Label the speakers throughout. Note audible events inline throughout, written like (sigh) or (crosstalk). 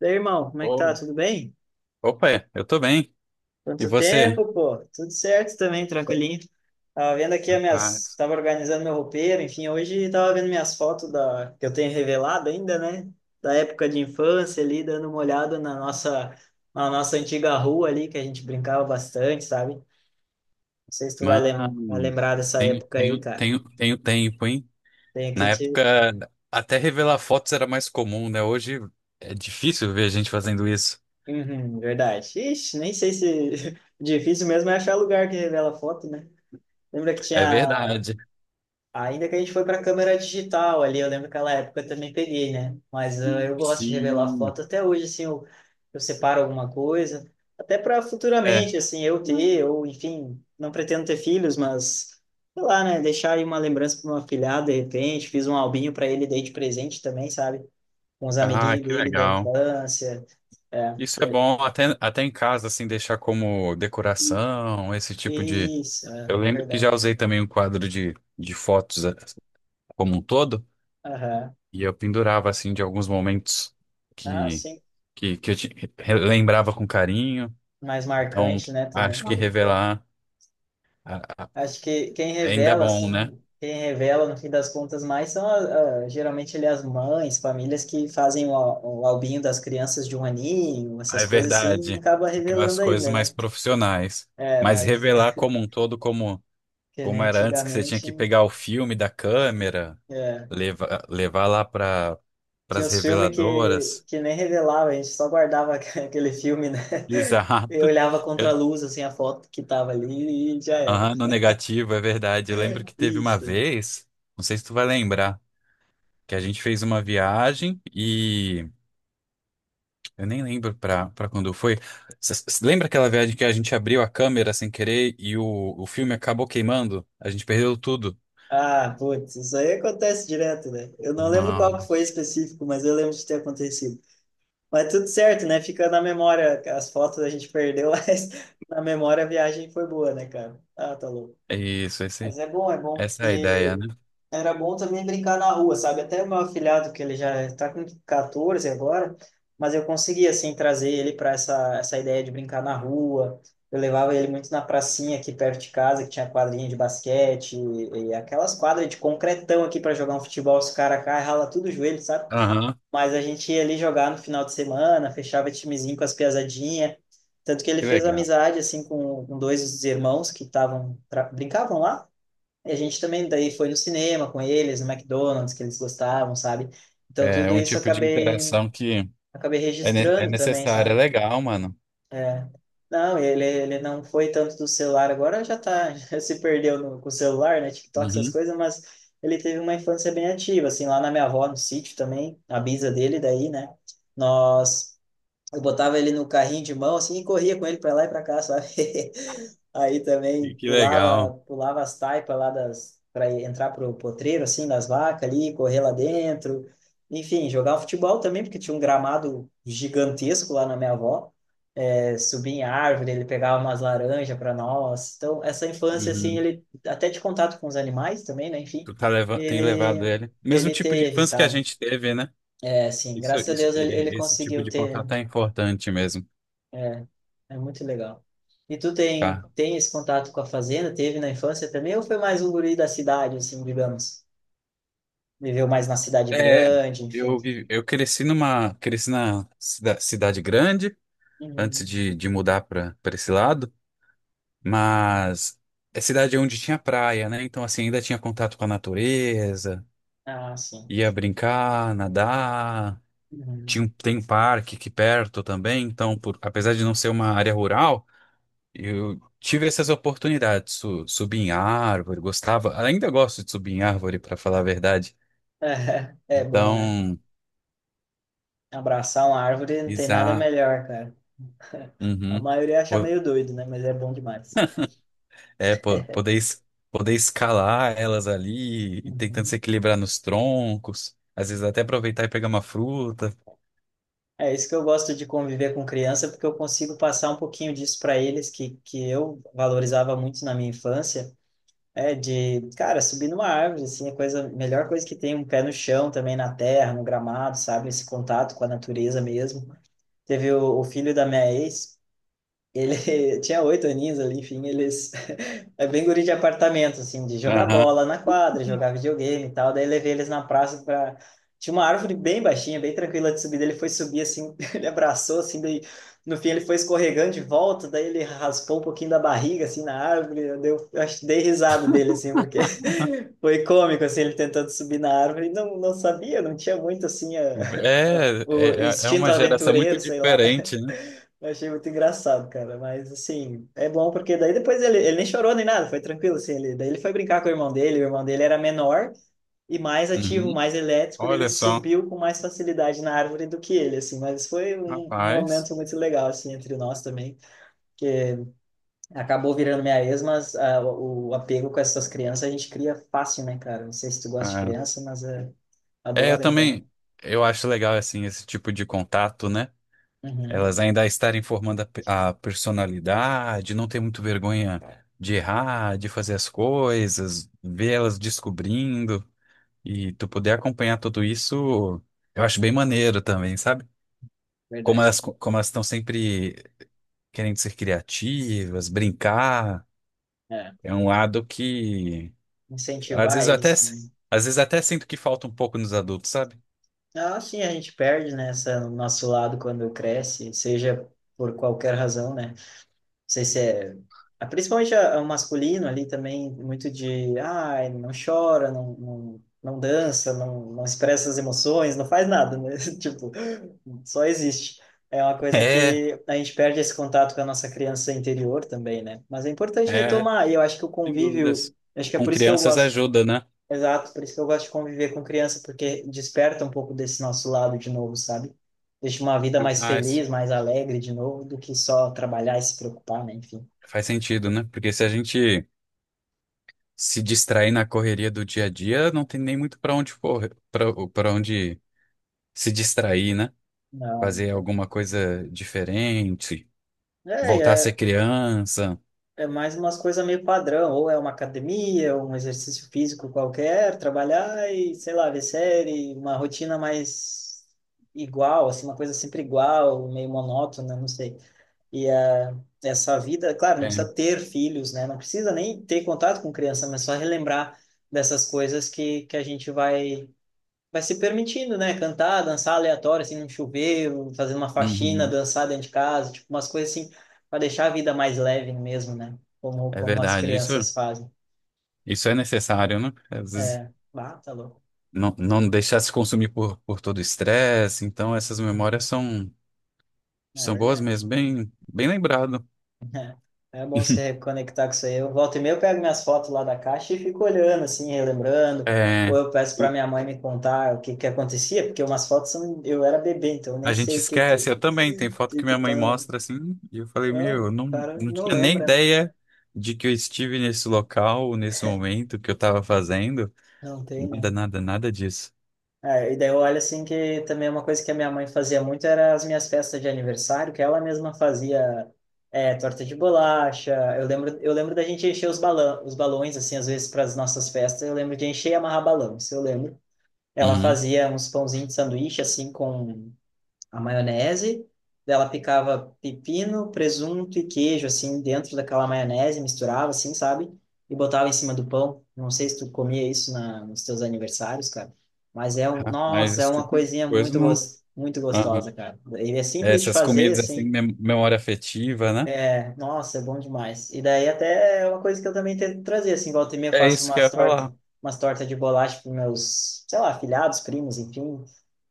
Speaker 1: E irmão, como é que tá?
Speaker 2: Ô,
Speaker 1: Tudo bem?
Speaker 2: opa, eu tô bem. E
Speaker 1: Quanto
Speaker 2: você?
Speaker 1: tempo, pô? Tudo certo também, tranquilinho. Tava vendo aqui as minhas...
Speaker 2: Rapaz,
Speaker 1: Tava organizando meu roupeiro, enfim, hoje tava vendo minhas fotos da... que eu tenho revelado ainda, né? Da época de infância ali, dando uma olhada na nossa antiga rua ali, que a gente brincava bastante, sabe? Não sei se tu vai, vai
Speaker 2: mano,
Speaker 1: lembrar dessa
Speaker 2: tenho,
Speaker 1: época aí,
Speaker 2: tenho,
Speaker 1: cara.
Speaker 2: tenho, tenho tempo, hein?
Speaker 1: Tem aqui
Speaker 2: Na
Speaker 1: te...
Speaker 2: época, até revelar fotos era mais comum, né? Hoje é difícil ver gente fazendo isso.
Speaker 1: Uhum, verdade. Ixi, nem sei se... (laughs) Difícil mesmo é achar lugar que revela foto, né? Lembra que
Speaker 2: É
Speaker 1: tinha
Speaker 2: verdade.
Speaker 1: ainda que a gente foi para câmera digital ali, eu lembro que aquela época eu também peguei, né? Mas eu gosto de revelar
Speaker 2: Sim.
Speaker 1: foto até hoje, assim, eu separo alguma coisa, até para
Speaker 2: É.
Speaker 1: futuramente, assim, eu ter, ou enfim, não pretendo ter filhos, mas sei lá, né? Deixar aí uma lembrança para uma afilhada, de repente, fiz um albinho para ele, dei de presente também, sabe? Com os
Speaker 2: Ah,
Speaker 1: amiguinhos
Speaker 2: que
Speaker 1: dele da
Speaker 2: legal.
Speaker 1: infância, é,
Speaker 2: Isso
Speaker 1: que
Speaker 2: é
Speaker 1: é
Speaker 2: bom até, em casa, assim, deixar como decoração, esse tipo de.
Speaker 1: isso, é
Speaker 2: Eu lembro que já
Speaker 1: verdade.
Speaker 2: usei também um quadro de fotos como um todo.
Speaker 1: Aham.
Speaker 2: E eu pendurava, assim, de alguns momentos
Speaker 1: Ah,
Speaker 2: que,
Speaker 1: sim,
Speaker 2: que relembrava com carinho.
Speaker 1: mais
Speaker 2: Então,
Speaker 1: marcante, né, também.
Speaker 2: acho que revelar a- a-
Speaker 1: Acho que quem
Speaker 2: ainda é
Speaker 1: revela,
Speaker 2: bom, né?
Speaker 1: assim, quem revela no fim das contas mais são geralmente ali as mães, famílias que fazem o, o albinho das crianças de um aninho,
Speaker 2: Ah,
Speaker 1: essas
Speaker 2: é
Speaker 1: coisas assim, e
Speaker 2: verdade.
Speaker 1: acaba
Speaker 2: Aquelas
Speaker 1: revelando
Speaker 2: coisas
Speaker 1: ainda,
Speaker 2: mais
Speaker 1: né?
Speaker 2: profissionais.
Speaker 1: É,
Speaker 2: Mas
Speaker 1: mas
Speaker 2: revelar
Speaker 1: (laughs)
Speaker 2: como um todo, como,
Speaker 1: que nem
Speaker 2: como era antes, que você tinha
Speaker 1: antigamente,
Speaker 2: que pegar o filme da câmera,
Speaker 1: é.
Speaker 2: levar lá para
Speaker 1: Tinha
Speaker 2: as
Speaker 1: uns filmes que,
Speaker 2: reveladoras.
Speaker 1: que nem revelava, a gente só guardava (laughs) aquele filme, né?
Speaker 2: (laughs) Exato.
Speaker 1: E olhava contra a
Speaker 2: É,
Speaker 1: luz, assim, a foto que tava ali e já era.
Speaker 2: aham, no negativo, é verdade. Eu lembro que teve uma
Speaker 1: Isso.
Speaker 2: vez, não sei se tu vai lembrar, que a gente fez uma viagem e eu nem lembro para quando foi. Lembra aquela viagem que a gente abriu a câmera sem querer e o filme acabou queimando? A gente perdeu tudo.
Speaker 1: Ah, putz, isso aí acontece direto, né? Eu não lembro qual que foi
Speaker 2: Nossa.
Speaker 1: específico, mas eu lembro de ter acontecido. Mas tudo certo, né? Fica na memória, as fotos a gente perdeu, (laughs) mas na memória a viagem foi boa, né, cara? Ah, tá louco.
Speaker 2: É isso,
Speaker 1: Mas é bom, é bom.
Speaker 2: essa é a ideia,
Speaker 1: E
Speaker 2: né?
Speaker 1: era bom também brincar na rua, sabe? Até o meu afilhado, que ele já está com 14 agora, mas eu consegui, assim, trazer ele para essa ideia de brincar na rua. Eu levava ele muito na pracinha aqui perto de casa, que tinha quadrinha de basquete e aquelas quadras de concretão aqui para jogar um futebol, os caras caem, rala tudo o joelho, sabe?
Speaker 2: Aham,
Speaker 1: Mas a gente ia ali jogar no final de semana, fechava timezinho com as piazadinhas. Tanto que ele
Speaker 2: que
Speaker 1: fez
Speaker 2: legal.
Speaker 1: amizade, assim, com dois irmãos que estavam, brincavam lá e a gente também daí foi no cinema com eles, no McDonald's, que eles gostavam, sabe? Então
Speaker 2: É
Speaker 1: tudo
Speaker 2: um
Speaker 1: isso eu
Speaker 2: tipo de
Speaker 1: acabei,
Speaker 2: interação que
Speaker 1: acabei
Speaker 2: é, é
Speaker 1: registrando também,
Speaker 2: necessária. É
Speaker 1: sabe?
Speaker 2: legal, mano.
Speaker 1: Não, ele não foi tanto do celular, agora já tá, (laughs) já se perdeu no, com o celular, né? TikTok, essas
Speaker 2: Uhum.
Speaker 1: coisas, mas ele teve uma infância bem ativa, assim, lá na minha avó, no sítio também, a bisa dele daí, né? Nós eu botava ele no carrinho de mão assim e corria com ele para lá e para cá, sabe? (laughs) Aí também
Speaker 2: E que legal.
Speaker 1: pulava, pulava as taipas lá das para entrar pro potreiro assim das vacas ali, correr lá dentro. Enfim, jogar futebol também, porque tinha um gramado gigantesco lá na minha avó. É, subia em árvore, ele pegava umas laranjas para nós. Então, essa infância assim,
Speaker 2: Uhum.
Speaker 1: ele até de contato com os animais também, né? Enfim,
Speaker 2: Tu tá leva tem levado
Speaker 1: ele
Speaker 2: ele. Mesmo
Speaker 1: ele
Speaker 2: tipo de
Speaker 1: teve,
Speaker 2: infância que a
Speaker 1: sabe?
Speaker 2: gente teve, né?
Speaker 1: É, assim,
Speaker 2: Isso,
Speaker 1: graças a
Speaker 2: isso,
Speaker 1: Deus ele
Speaker 2: esse tipo
Speaker 1: conseguiu
Speaker 2: de
Speaker 1: ter
Speaker 2: contato é importante mesmo.
Speaker 1: é muito legal. E tu
Speaker 2: Tá.
Speaker 1: tem esse contato com a fazenda? Teve na infância também? Ou foi mais um guri da cidade, assim, digamos? Viveu mais na cidade
Speaker 2: É,
Speaker 1: grande, enfim.
Speaker 2: eu cresci numa, cresci na cidade grande, antes
Speaker 1: Uhum.
Speaker 2: de mudar para esse lado, mas é cidade onde tinha praia, né? Então, assim, ainda tinha contato com a natureza,
Speaker 1: Ah, sim.
Speaker 2: ia brincar, nadar,
Speaker 1: Uhum. (laughs)
Speaker 2: tem um parque aqui perto também, então, por, apesar de não ser uma área rural, eu tive essas oportunidades, subir em árvore, gostava, ainda gosto de subir em árvore, para falar a verdade.
Speaker 1: É, é bom, né?
Speaker 2: Então,
Speaker 1: Abraçar uma árvore não tem nada melhor, cara. A
Speaker 2: uhum.
Speaker 1: maioria acha
Speaker 2: Po-
Speaker 1: meio doido, né? Mas é bom demais.
Speaker 2: É, poder, poder escalar elas ali, e tentando se
Speaker 1: Uhum.
Speaker 2: equilibrar nos troncos, às vezes até aproveitar e pegar uma fruta.
Speaker 1: É isso que eu gosto de conviver com criança, porque eu consigo passar um pouquinho disso para eles que eu valorizava muito na minha infância é de, cara, subir numa árvore, assim, é a coisa, melhor coisa que tem, um pé no chão também, na terra, no gramado, sabe? Esse contato com a natureza mesmo. Teve o filho da minha ex, ele (laughs) tinha oito aninhos ali, enfim, eles... (laughs) É bem guri de apartamento, assim, de jogar
Speaker 2: Aham.
Speaker 1: bola na quadra, jogar videogame e tal. Daí levei eles na praça pra... Tinha uma árvore bem baixinha, bem tranquila de subir. Daí Ele foi subir, assim, (laughs) ele abraçou, assim, daí... No fim ele foi escorregando de volta, daí ele raspou um pouquinho da barriga, assim, na árvore. Eu, eu acho que dei risada dele, assim, porque (laughs) foi cômico, assim, ele tentando subir na árvore. Não, não sabia, não tinha muito, assim, (laughs)
Speaker 2: É,
Speaker 1: o
Speaker 2: é
Speaker 1: instinto
Speaker 2: uma geração muito
Speaker 1: aventureiro, sei lá.
Speaker 2: diferente, né?
Speaker 1: Eu achei muito engraçado, cara. Mas, assim, é bom porque daí depois ele nem chorou nem nada, foi tranquilo, assim. Ele, daí ele foi brincar com o irmão dele era menor e mais ativo,
Speaker 2: Uhum.
Speaker 1: mais elétrico, daí ele
Speaker 2: Olha só,
Speaker 1: subiu com mais facilidade na árvore do que ele, assim. Mas foi um
Speaker 2: rapaz.
Speaker 1: momento muito legal, assim, entre nós também. Acabou virando minha ex, mas ah, o apego com essas crianças a gente cria fácil, né, cara? Não sei se tu gosta de
Speaker 2: Ah.
Speaker 1: criança, mas é,
Speaker 2: É, eu
Speaker 1: adoro, então.
Speaker 2: também, eu acho legal, assim, esse tipo de contato, né? Elas
Speaker 1: Uhum,
Speaker 2: ainda estarem formando a, a personalidade, não ter muito vergonha de errar, de fazer as coisas, ver elas descobrindo. E tu poder acompanhar tudo isso, eu acho bem maneiro também, sabe?
Speaker 1: verdade.
Speaker 2: Como elas estão sempre querendo ser criativas, brincar,
Speaker 1: É,
Speaker 2: é um lado que às
Speaker 1: incentivar
Speaker 2: vezes eu até
Speaker 1: eles também.
Speaker 2: às vezes até sinto que falta um pouco nos adultos, sabe?
Speaker 1: Ah, sim, a gente perde, né, essa, o nosso lado quando cresce, seja por qualquer razão, né? Não sei se é... ah, principalmente o masculino ali também, muito de... Ai, não chora, não, não, não dança, não, não expressa as emoções, não faz nada, né? (laughs) Tipo, só existe. É uma
Speaker 2: (laughs)
Speaker 1: coisa
Speaker 2: É,
Speaker 1: que a gente perde esse contato com a nossa criança interior também, né? Mas é importante
Speaker 2: é,
Speaker 1: retomar, e eu acho que o
Speaker 2: sem
Speaker 1: convívio...
Speaker 2: dúvidas.
Speaker 1: Acho que é
Speaker 2: Com
Speaker 1: por isso que eu
Speaker 2: crianças
Speaker 1: gosto.
Speaker 2: ajuda, né?
Speaker 1: Exato, por isso que eu gosto de conviver com criança, porque desperta um pouco desse nosso lado de novo, sabe? Deixa uma vida mais
Speaker 2: Mas
Speaker 1: feliz, mais alegre de novo, do que só trabalhar e se preocupar, né? Enfim.
Speaker 2: faz sentido, né? Porque se a gente se distrair na correria do dia a dia, não tem nem muito para onde correr, para onde se distrair, né?
Speaker 1: Não,
Speaker 2: Fazer
Speaker 1: cara.
Speaker 2: alguma coisa diferente,
Speaker 1: É,
Speaker 2: voltar a ser
Speaker 1: é,
Speaker 2: criança.
Speaker 1: é mais umas coisas meio padrão, ou é uma academia, ou um exercício físico qualquer, trabalhar e, sei lá, ver série, uma rotina mais igual, assim, uma coisa sempre igual, meio monótona, não sei. E a, essa vida, claro, não
Speaker 2: É,
Speaker 1: precisa ter filhos, né? Não precisa nem ter contato com criança, mas só relembrar dessas coisas que a gente vai se permitindo, né? Cantar, dançar aleatório, assim, num chuveiro, fazer uma faxina,
Speaker 2: uhum,
Speaker 1: dançar dentro de casa, tipo, umas coisas assim, para deixar a vida mais leve mesmo, né?
Speaker 2: é
Speaker 1: Como as
Speaker 2: verdade,
Speaker 1: crianças fazem.
Speaker 2: isso é necessário, né? Às vezes
Speaker 1: É, bah, tá louco.
Speaker 2: não, deixar se consumir por todo o estresse, então essas memórias são,
Speaker 1: É
Speaker 2: são boas
Speaker 1: verdade.
Speaker 2: mesmo, bem, bem lembrado.
Speaker 1: É bom se
Speaker 2: (laughs)
Speaker 1: reconectar com isso aí. Eu volto e meia, eu pego minhas fotos lá da caixa e fico olhando, assim, relembrando. Ou
Speaker 2: É,
Speaker 1: eu peço para
Speaker 2: e
Speaker 1: minha mãe me contar o que que acontecia, porque umas fotos são... eu era bebê, então eu nem
Speaker 2: a gente
Speaker 1: sei o que
Speaker 2: esquece, eu também, tem foto que
Speaker 1: que
Speaker 2: minha mãe
Speaker 1: tá.
Speaker 2: mostra assim, e eu falei,
Speaker 1: Ah,
Speaker 2: meu,
Speaker 1: o
Speaker 2: eu não,
Speaker 1: cara
Speaker 2: não
Speaker 1: não
Speaker 2: tinha nem
Speaker 1: lembra, né?
Speaker 2: ideia de que eu estive nesse local, nesse momento, que eu estava fazendo,
Speaker 1: Não tem, né?
Speaker 2: nada disso.
Speaker 1: É, e daí eu olho assim que também uma coisa que a minha mãe fazia muito era as minhas festas de aniversário, que ela mesma fazia é, torta de bolacha. Eu lembro da gente encher os balões, assim, às vezes para as nossas festas. Eu lembro de encher e amarrar balão, isso eu lembro. Ela
Speaker 2: Uhum.
Speaker 1: fazia uns pãozinhos de sanduíche, assim, com a maionese. Daí Ela picava pepino, presunto e queijo, assim, dentro daquela maionese, misturava, assim, sabe? E botava em cima do pão. Não sei se tu comia isso nos teus aniversários, cara. Mas é um,
Speaker 2: Rapaz,
Speaker 1: nossa, é
Speaker 2: esse
Speaker 1: uma
Speaker 2: tipo de
Speaker 1: coisinha
Speaker 2: coisa
Speaker 1: muito,
Speaker 2: não.
Speaker 1: muito
Speaker 2: Aham.
Speaker 1: gostosa, cara. Ele é
Speaker 2: É,
Speaker 1: simples de
Speaker 2: essas
Speaker 1: fazer,
Speaker 2: comidas assim,
Speaker 1: assim,
Speaker 2: memória afetiva, né?
Speaker 1: nossa, é bom demais. E daí até é uma coisa que eu também tento trazer, assim, volta e meia eu
Speaker 2: É
Speaker 1: faço
Speaker 2: isso que eu ia falar,
Speaker 1: umas tortas de bolacha para meus, sei lá, afilhados, primos, enfim,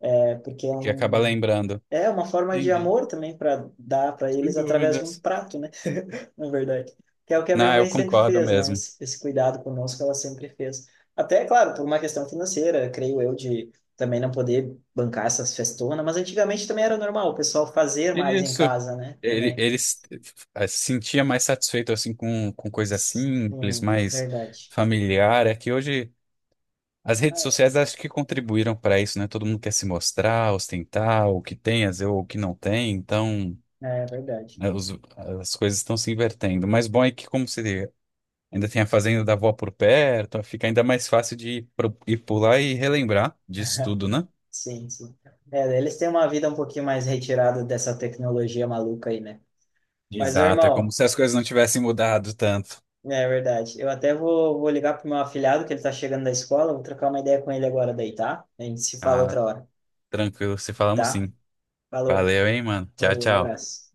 Speaker 1: é, porque é
Speaker 2: que acaba lembrando.
Speaker 1: é uma forma de
Speaker 2: Entendi,
Speaker 1: amor também para dar para
Speaker 2: sem
Speaker 1: eles através de um
Speaker 2: dúvidas.
Speaker 1: prato, né? (laughs) Na verdade, que é o que a minha
Speaker 2: Não,
Speaker 1: mãe
Speaker 2: eu
Speaker 1: sempre
Speaker 2: concordo
Speaker 1: fez, né?
Speaker 2: mesmo.
Speaker 1: Esse cuidado conosco ela sempre fez. Até, claro, por uma questão financeira, creio eu, de também não poder bancar essas festonas, mas antigamente também era normal o pessoal fazer mais em
Speaker 2: Isso.
Speaker 1: casa, né?
Speaker 2: Ele,
Speaker 1: Também.
Speaker 2: ele s- sentia mais satisfeito assim com coisa simples,
Speaker 1: Sim,
Speaker 2: mais
Speaker 1: verdade.
Speaker 2: familiar. É que hoje as redes sociais acho que contribuíram para isso, né? Todo mundo quer se mostrar, ostentar o que tem, às vezes, ou o que não tem. Então,
Speaker 1: É, verdade.
Speaker 2: né, as coisas estão se invertendo. Mas bom é que como se ainda tem a fazenda da avó por perto, fica ainda mais fácil de ir pular e relembrar disso
Speaker 1: (laughs)
Speaker 2: tudo, né?
Speaker 1: Sim, sim. É, eles têm uma vida um pouquinho mais retirada dessa tecnologia maluca aí, né? Mas, ô,
Speaker 2: Exato, é como
Speaker 1: irmão,
Speaker 2: se as coisas não tivessem mudado tanto.
Speaker 1: é verdade. Eu até vou ligar pro meu afilhado, que ele tá chegando da escola, vou trocar uma ideia com ele agora daí, tá? A gente se fala
Speaker 2: Ah,
Speaker 1: outra hora,
Speaker 2: tranquilo, se falamos
Speaker 1: tá?
Speaker 2: sim.
Speaker 1: Falou,
Speaker 2: Valeu, hein, mano. Tchau,
Speaker 1: valeu, um
Speaker 2: tchau.
Speaker 1: abraço.